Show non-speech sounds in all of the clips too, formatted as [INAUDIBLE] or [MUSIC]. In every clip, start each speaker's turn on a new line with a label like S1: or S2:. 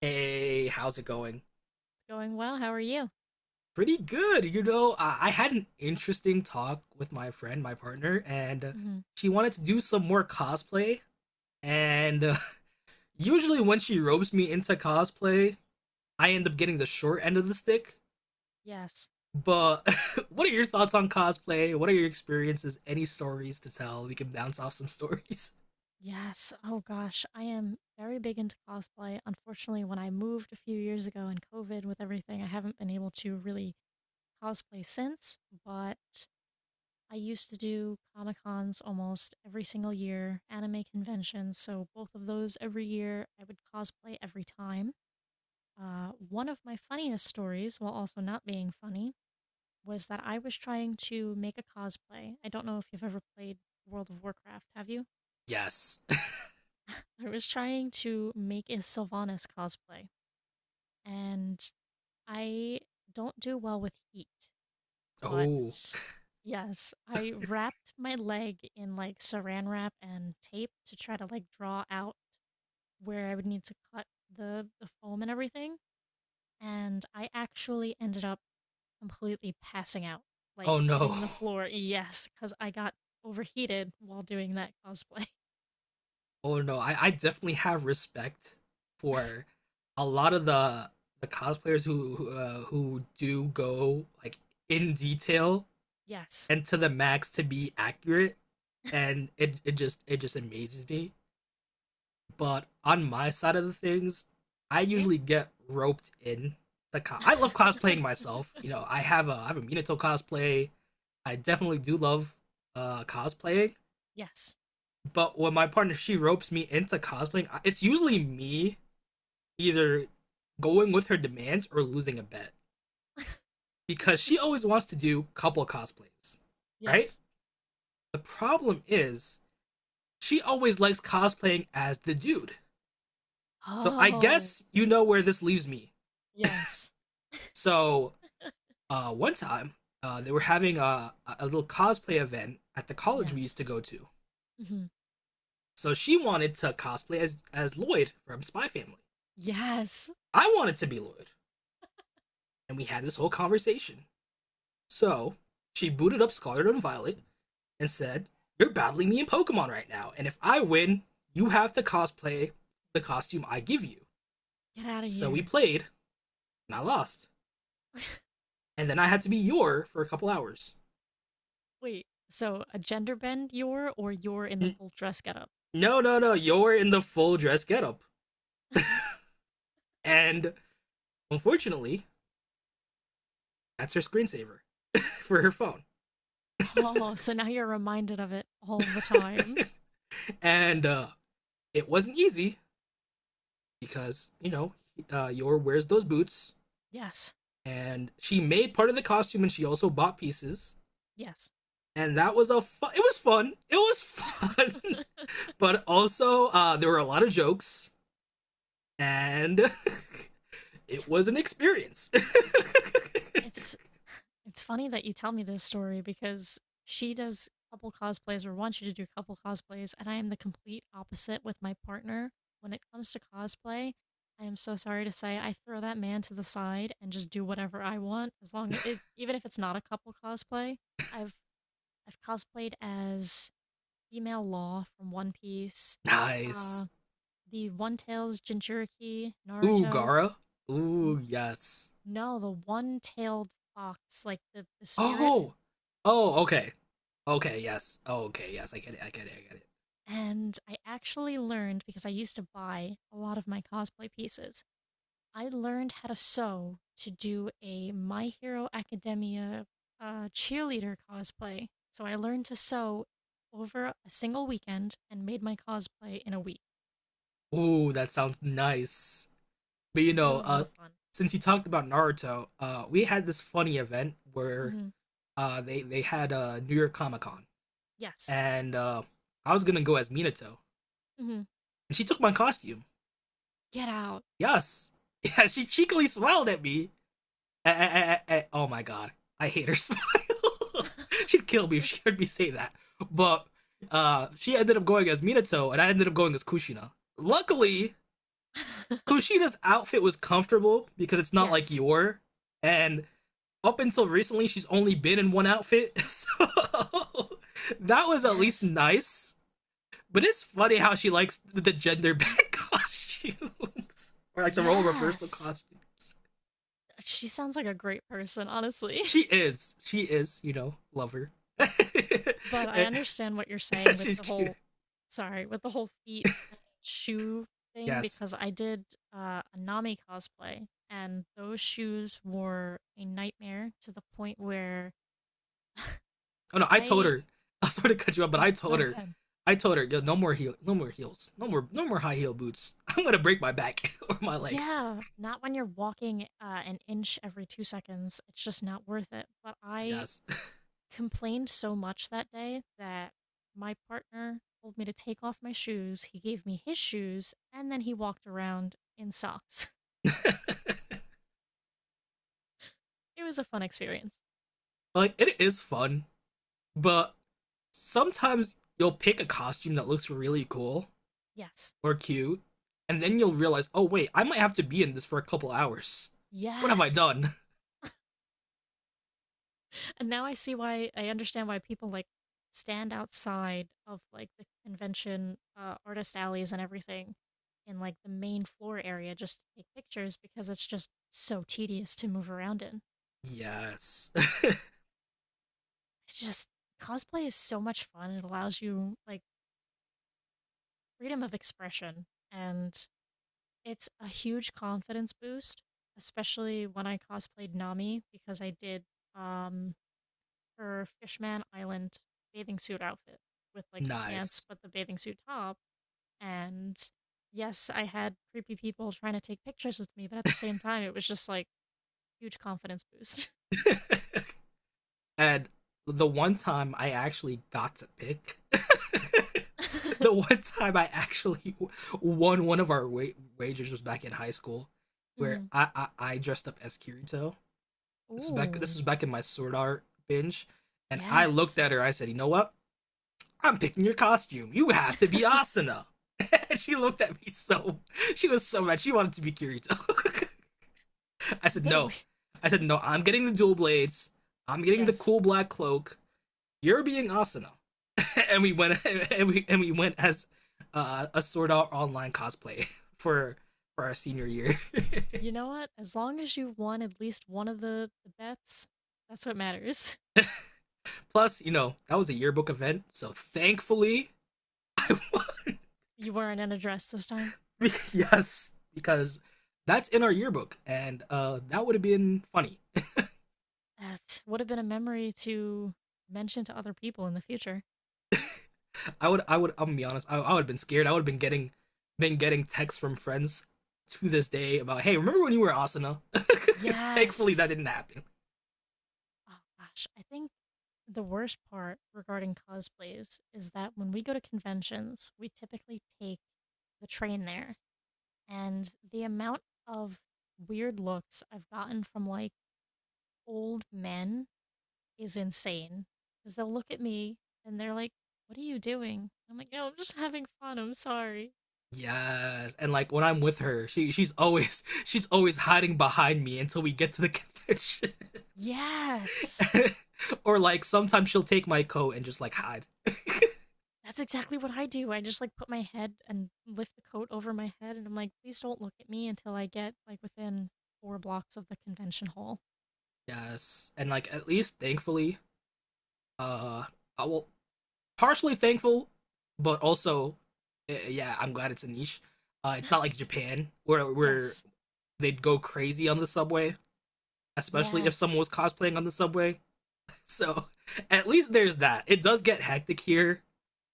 S1: Hey, how's it going?
S2: Going well. How are you?
S1: Pretty good. I had an interesting talk with my friend, my partner, and
S2: Hmm.
S1: she wanted to do some more cosplay. And [LAUGHS] Usually, when she ropes me into cosplay, I end up getting the short end of the stick.
S2: Yes.
S1: But [LAUGHS] what are your thoughts on cosplay? What are your experiences? Any stories to tell? We can bounce off some stories. [LAUGHS]
S2: Yes. Oh gosh, I am very big into cosplay. Unfortunately, when I moved a few years ago in COVID with everything, I haven't been able to really cosplay since, but I used to do Comic Cons almost every single year, anime conventions. So both of those every year, I would cosplay every time. One of my funniest stories, while also not being funny, was that I was trying to make a cosplay. I don't know if you've ever played World of Warcraft, have you?
S1: Yes. [LAUGHS]
S2: I was trying to make a Sylvanas cosplay, and I don't do well with heat, but
S1: Oh.
S2: yes, I wrapped my leg in like saran wrap and tape to try to like draw out where I would need to cut the foam and everything, and I actually ended up completely passing out, like
S1: Oh no.
S2: hitting the floor, yes, because I got overheated while doing that cosplay.
S1: Oh no, I definitely have respect
S2: [LAUGHS]
S1: for a lot of the cosplayers who do go like in detail
S2: Yes.
S1: and to the max to be accurate, and it just amazes me. But on my side of the things, I
S2: Yeah.
S1: usually get roped in I love cosplaying
S2: [LAUGHS]
S1: myself. You know, I have a Minato cosplay. I definitely do love cosplaying,
S2: Yes.
S1: but when my partner she ropes me into cosplaying, it's usually me either going with her demands or losing a bet
S2: [LAUGHS]
S1: because she always wants to do couple cosplays, right?
S2: Yes.
S1: The problem is she always likes cosplaying as the dude. So I
S2: Oh,
S1: guess you know where this leaves me.
S2: yes.
S1: So one time they were having a little cosplay event at the college we used
S2: Yes.
S1: to go to.
S2: Hmm.
S1: So she wanted to cosplay as Lloyd from Spy Family.
S2: Yes.
S1: I wanted to be Lloyd, and we had this whole conversation. So she booted up Scarlet and Violet, and said, "You're battling me in Pokemon right now, and if I win, you have to cosplay the costume I give you."
S2: Get out of
S1: So we
S2: here.
S1: played, and I lost.
S2: [LAUGHS]
S1: And then I had to be Yor for a couple hours.
S2: Wait, so a gender bend you're or you're in the
S1: N-
S2: full dress getup?
S1: no, no, no, Yor in the full dress getup. And unfortunately, that's her screensaver [LAUGHS] for her phone.
S2: Oh, so now you're reminded of it all the time.
S1: And it wasn't easy because, you know, Yor wears those boots.
S2: Yes.
S1: And she made part of the costume and she also bought pieces.
S2: Yes.
S1: And that was a fun, it was fun. It was fun.
S2: [LAUGHS]
S1: [LAUGHS] But also there were a lot of jokes and [LAUGHS] it was an experience. [LAUGHS]
S2: It's it's funny that you tell me this story because she does couple cosplays or wants you to do couple cosplays, and I am the complete opposite with my partner. When it comes to cosplay, I am so sorry to say I throw that man to the side and just do whatever I want, as long as it, even if it's not a couple cosplay. I've I've cosplayed as female Law from One Piece,
S1: Nice.
S2: uh, the One Tails Jinchuriki,
S1: Ooh,
S2: Naruto.
S1: Gara. Ooh,
S2: N-
S1: yes.
S2: no, the one tailed fox, like the spirit.
S1: Oh. Oh, okay. Okay, yes. Oh, okay, yes. I get it. I get it. I get
S2: And I actually learned because I used to buy a lot of my cosplay pieces. I learned how to sew to do a My Hero Academia cheerleader cosplay. So I learned to sew over a single weekend and made my cosplay in a week.
S1: it. Ooh, that sounds nice. But you
S2: It was
S1: know,
S2: a lot of fun.
S1: since you talked about Naruto, we had this funny event where
S2: Hmm.
S1: they had a New York Comic Con
S2: Yes.
S1: and I was going to go as Minato
S2: Hmm.
S1: and she took my costume.
S2: Get out.
S1: Yes. [LAUGHS] Yeah, she cheekily smiled at me. Oh my god, I hate her smile. [LAUGHS] She'd
S2: [LAUGHS]
S1: kill me if she heard me say that. But she ended up going as Minato, and I ended up going as Kushina. Luckily, Kushina's outfit was comfortable because it's not like
S2: Yes.
S1: your. And up until recently, she's only been in one outfit, so [LAUGHS] that was at least
S2: Yes.
S1: nice. But it's funny how she likes the gender bent costumes, [LAUGHS] or like the role reversal
S2: Yes.
S1: costumes.
S2: She sounds like a great person, honestly.
S1: She is. She is, you know, love her. [LAUGHS]
S2: But I understand what you're saying with
S1: She's
S2: the
S1: cute.
S2: whole sorry, with the whole feet and shoe thing
S1: Yes.
S2: because I did a Nami cosplay and those shoes were a nightmare to the point where
S1: Oh no, I told
S2: I
S1: her. [LAUGHS] I sort to cut you off, but I
S2: no
S1: told
S2: go
S1: her.
S2: ahead.
S1: I told her, yo, no more heel, no more heels, no more high heel boots. [LAUGHS] I'm gonna break my back [LAUGHS] or my legs.
S2: Yeah, not when you're walking an inch every 2 seconds. It's just not worth it. But I
S1: Yes.
S2: complained so much that day that my partner told me to take off my shoes. He gave me his shoes, and then he walked around in socks.
S1: [LAUGHS]
S2: It was a fun experience.
S1: Like it is fun, but sometimes you'll pick a costume that looks really cool
S2: Yes.
S1: or cute, and then you'll realize, oh wait, I might have to be in this for a couple hours. What have I
S2: Yes.
S1: done?
S2: And now I see why I understand why people like stand outside of like the convention artist alleys and everything in like the main floor area just to take pictures because it's just so tedious to move around in.
S1: Yes. [LAUGHS]
S2: It's just cosplay is so much fun. It allows you like freedom of expression and it's a huge confidence boost, especially when I cosplayed Nami because I did um her Fishman Island bathing suit outfit with like the pants,
S1: Nice.
S2: but the bathing suit top. And yes, I had creepy people trying to take pictures with me, but at the same time, it was just like huge confidence boost.
S1: And the one time I actually got to pick, [LAUGHS] the
S2: [LAUGHS]
S1: one time I actually won one of our wagers was back in high school, where
S2: Hmm.
S1: I dressed up as Kirito. This
S2: Ooh,
S1: was back in my Sword Art binge, and I looked
S2: yes.
S1: at her. I said, "You know what? I'm picking your costume. You have to be
S2: [LAUGHS]
S1: Asuna." [LAUGHS] And she looked at me so she was so mad. She wanted to be Kirito. [LAUGHS] I said
S2: Either
S1: no.
S2: way,
S1: I said no. I'm getting the dual blades. I'm getting the
S2: yes.
S1: cool black cloak, you're being Asuna, [LAUGHS] and we went [LAUGHS] and we went as a sort out online cosplay [LAUGHS] for for our senior year.
S2: You
S1: [LAUGHS]
S2: know what? As long as you won at least one of the bets, that's what matters. [LAUGHS]
S1: Plus, you know that was a yearbook event, so thankfully, [LAUGHS]
S2: You weren't in a dress this time.
S1: yes, because that's in our yearbook, and that would have been funny.
S2: That would have been a memory to mention to other people in the future.
S1: I'm gonna be honest, I would have been scared. I would have been getting texts from friends to this day about, hey, remember when you were Asuna? [LAUGHS] Thankfully, that
S2: Yes.
S1: didn't happen.
S2: Oh gosh, I think the worst part regarding cosplays is that when we go to conventions, we typically take the train there, and the amount of weird looks I've gotten from like old men is insane. Because they'll look at me and they're like, "What are you doing?" I'm like, "No, I'm just having fun. I'm sorry."
S1: Yes, and like when I'm with her, she's always [LAUGHS] she's always hiding behind me until we get to the conventions.
S2: Yes.
S1: [LAUGHS] Or like sometimes she'll take my coat and just like hide.
S2: That's exactly what I do. I just like put my head and lift the coat over my head, and I'm like, please don't look at me until I get like within four blocks of the convention hall.
S1: Yes, and like at least thankfully, uh, I will partially thankful, but also, yeah, I'm glad it's a niche. It's not like Japan where
S2: [LAUGHS]
S1: where
S2: Yes,
S1: they'd go crazy on the subway, especially if
S2: yes,
S1: someone was cosplaying on the subway. [LAUGHS] So at least there's that. It does get hectic here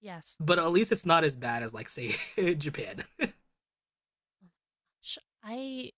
S2: yes.
S1: but at least it's not as bad as like say [LAUGHS] Japan.
S2: Oh, I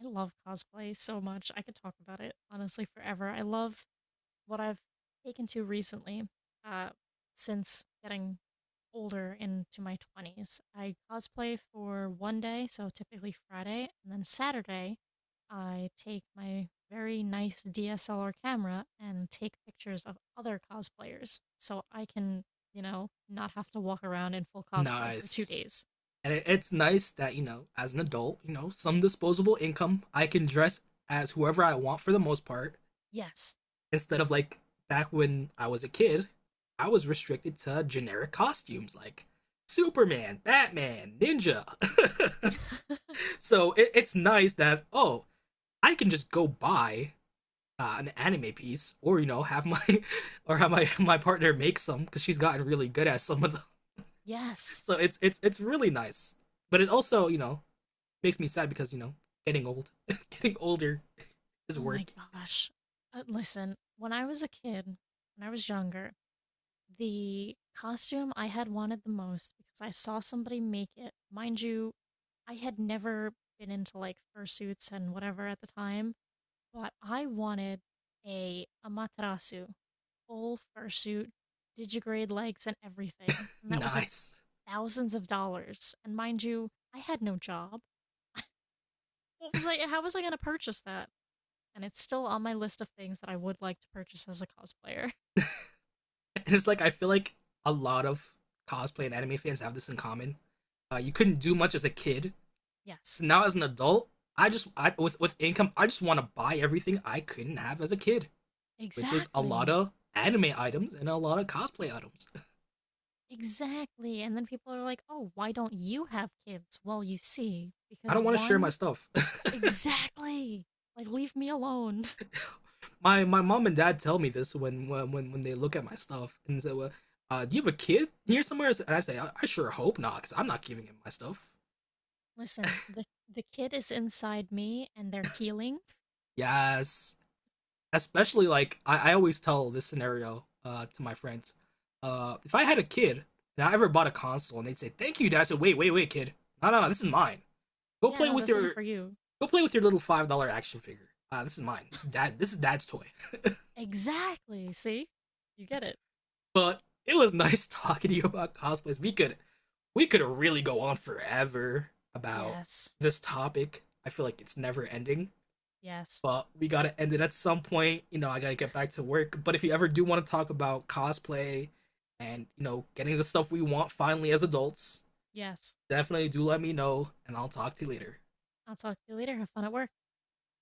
S2: I love cosplay so much. I could talk about it honestly forever. I love what I've taken to recently, uh, since getting older into my 20s, I cosplay for one day, so typically Friday, and then Saturday, I take my very nice DSLR camera and take pictures of other cosplayers so I can, you know, not have to walk around in full
S1: [LAUGHS]
S2: cosplay for two
S1: Nice.
S2: days.
S1: And it, it's nice that, you know, as an adult, you know, some disposable income, I can dress as whoever I want for the most part
S2: Yes.
S1: instead of like back when I was a kid, I was restricted to generic costumes like Superman, Batman, Ninja.
S2: [LAUGHS]
S1: [LAUGHS] So it, it's nice that oh, I can just go buy an anime piece, or you know, have my [LAUGHS] or have my [LAUGHS] my partner make some because she's gotten really good at some of
S2: Yes.
S1: so it's really nice, but it also you know makes me sad because you know getting old, [LAUGHS] getting older is
S2: Oh my
S1: work. [LAUGHS]
S2: gosh. Listen, when I was a kid, when I was younger, the costume I had wanted the most because I saw somebody make it. Mind you, I had never been into like fursuits and whatever at the time, but I wanted a amaterasu, full fursuit, digigrade legs and everything. And that was like
S1: Nice,
S2: thousands of dollars. And mind you, I had no job. What was I how was I gonna purchase that? And it's still on my list of things that I would like to purchase as a cosplayer. [LAUGHS]
S1: and it's like I feel like a lot of cosplay and anime fans have this in common. You couldn't do much as a kid,
S2: Yes.
S1: so now as an adult, with income, I just want to buy everything I couldn't have as a kid, which is a lot
S2: Exactly.
S1: of anime items and a lot of cosplay items. [LAUGHS]
S2: Exactly. And then people are like, oh, why don't you have kids? Well, you see,
S1: I
S2: because
S1: don't want to share my
S2: one,
S1: stuff. [LAUGHS]
S2: exactly. Like, leave me alone.
S1: My mom and dad tell me this when they look at my stuff and say, well, "Do you have a kid here somewhere?" And I say, I sure hope not, because I'm not giving him my stuff."
S2: [LAUGHS] Listen, the kid is inside me and they're healing.
S1: Yes, especially like I always tell this scenario to my friends. If I had a kid and I ever bought a console and they'd say, "Thank you, dad," I said, "Wait, wait, wait, kid, no, no, no, this is mine. Go
S2: Yeah,
S1: play
S2: no,
S1: with
S2: this isn't
S1: your
S2: for you.
S1: Go play with your little $5 action figure. This is mine. This is dad. This is dad's toy."
S2: Exactly. See? You get it.
S1: But it was [LAUGHS] nice talking to you about cosplays. We could really go on forever about
S2: Yes.
S1: this topic. I feel like it's never ending,
S2: Yes.
S1: but we gotta end it at some point. You know, I gotta get back to work. But if you ever do want to talk about cosplay and, you know, getting the stuff we want finally as adults,
S2: Yes.
S1: definitely do let me know and I'll talk to you later.
S2: I'll talk to you later. Have fun at work.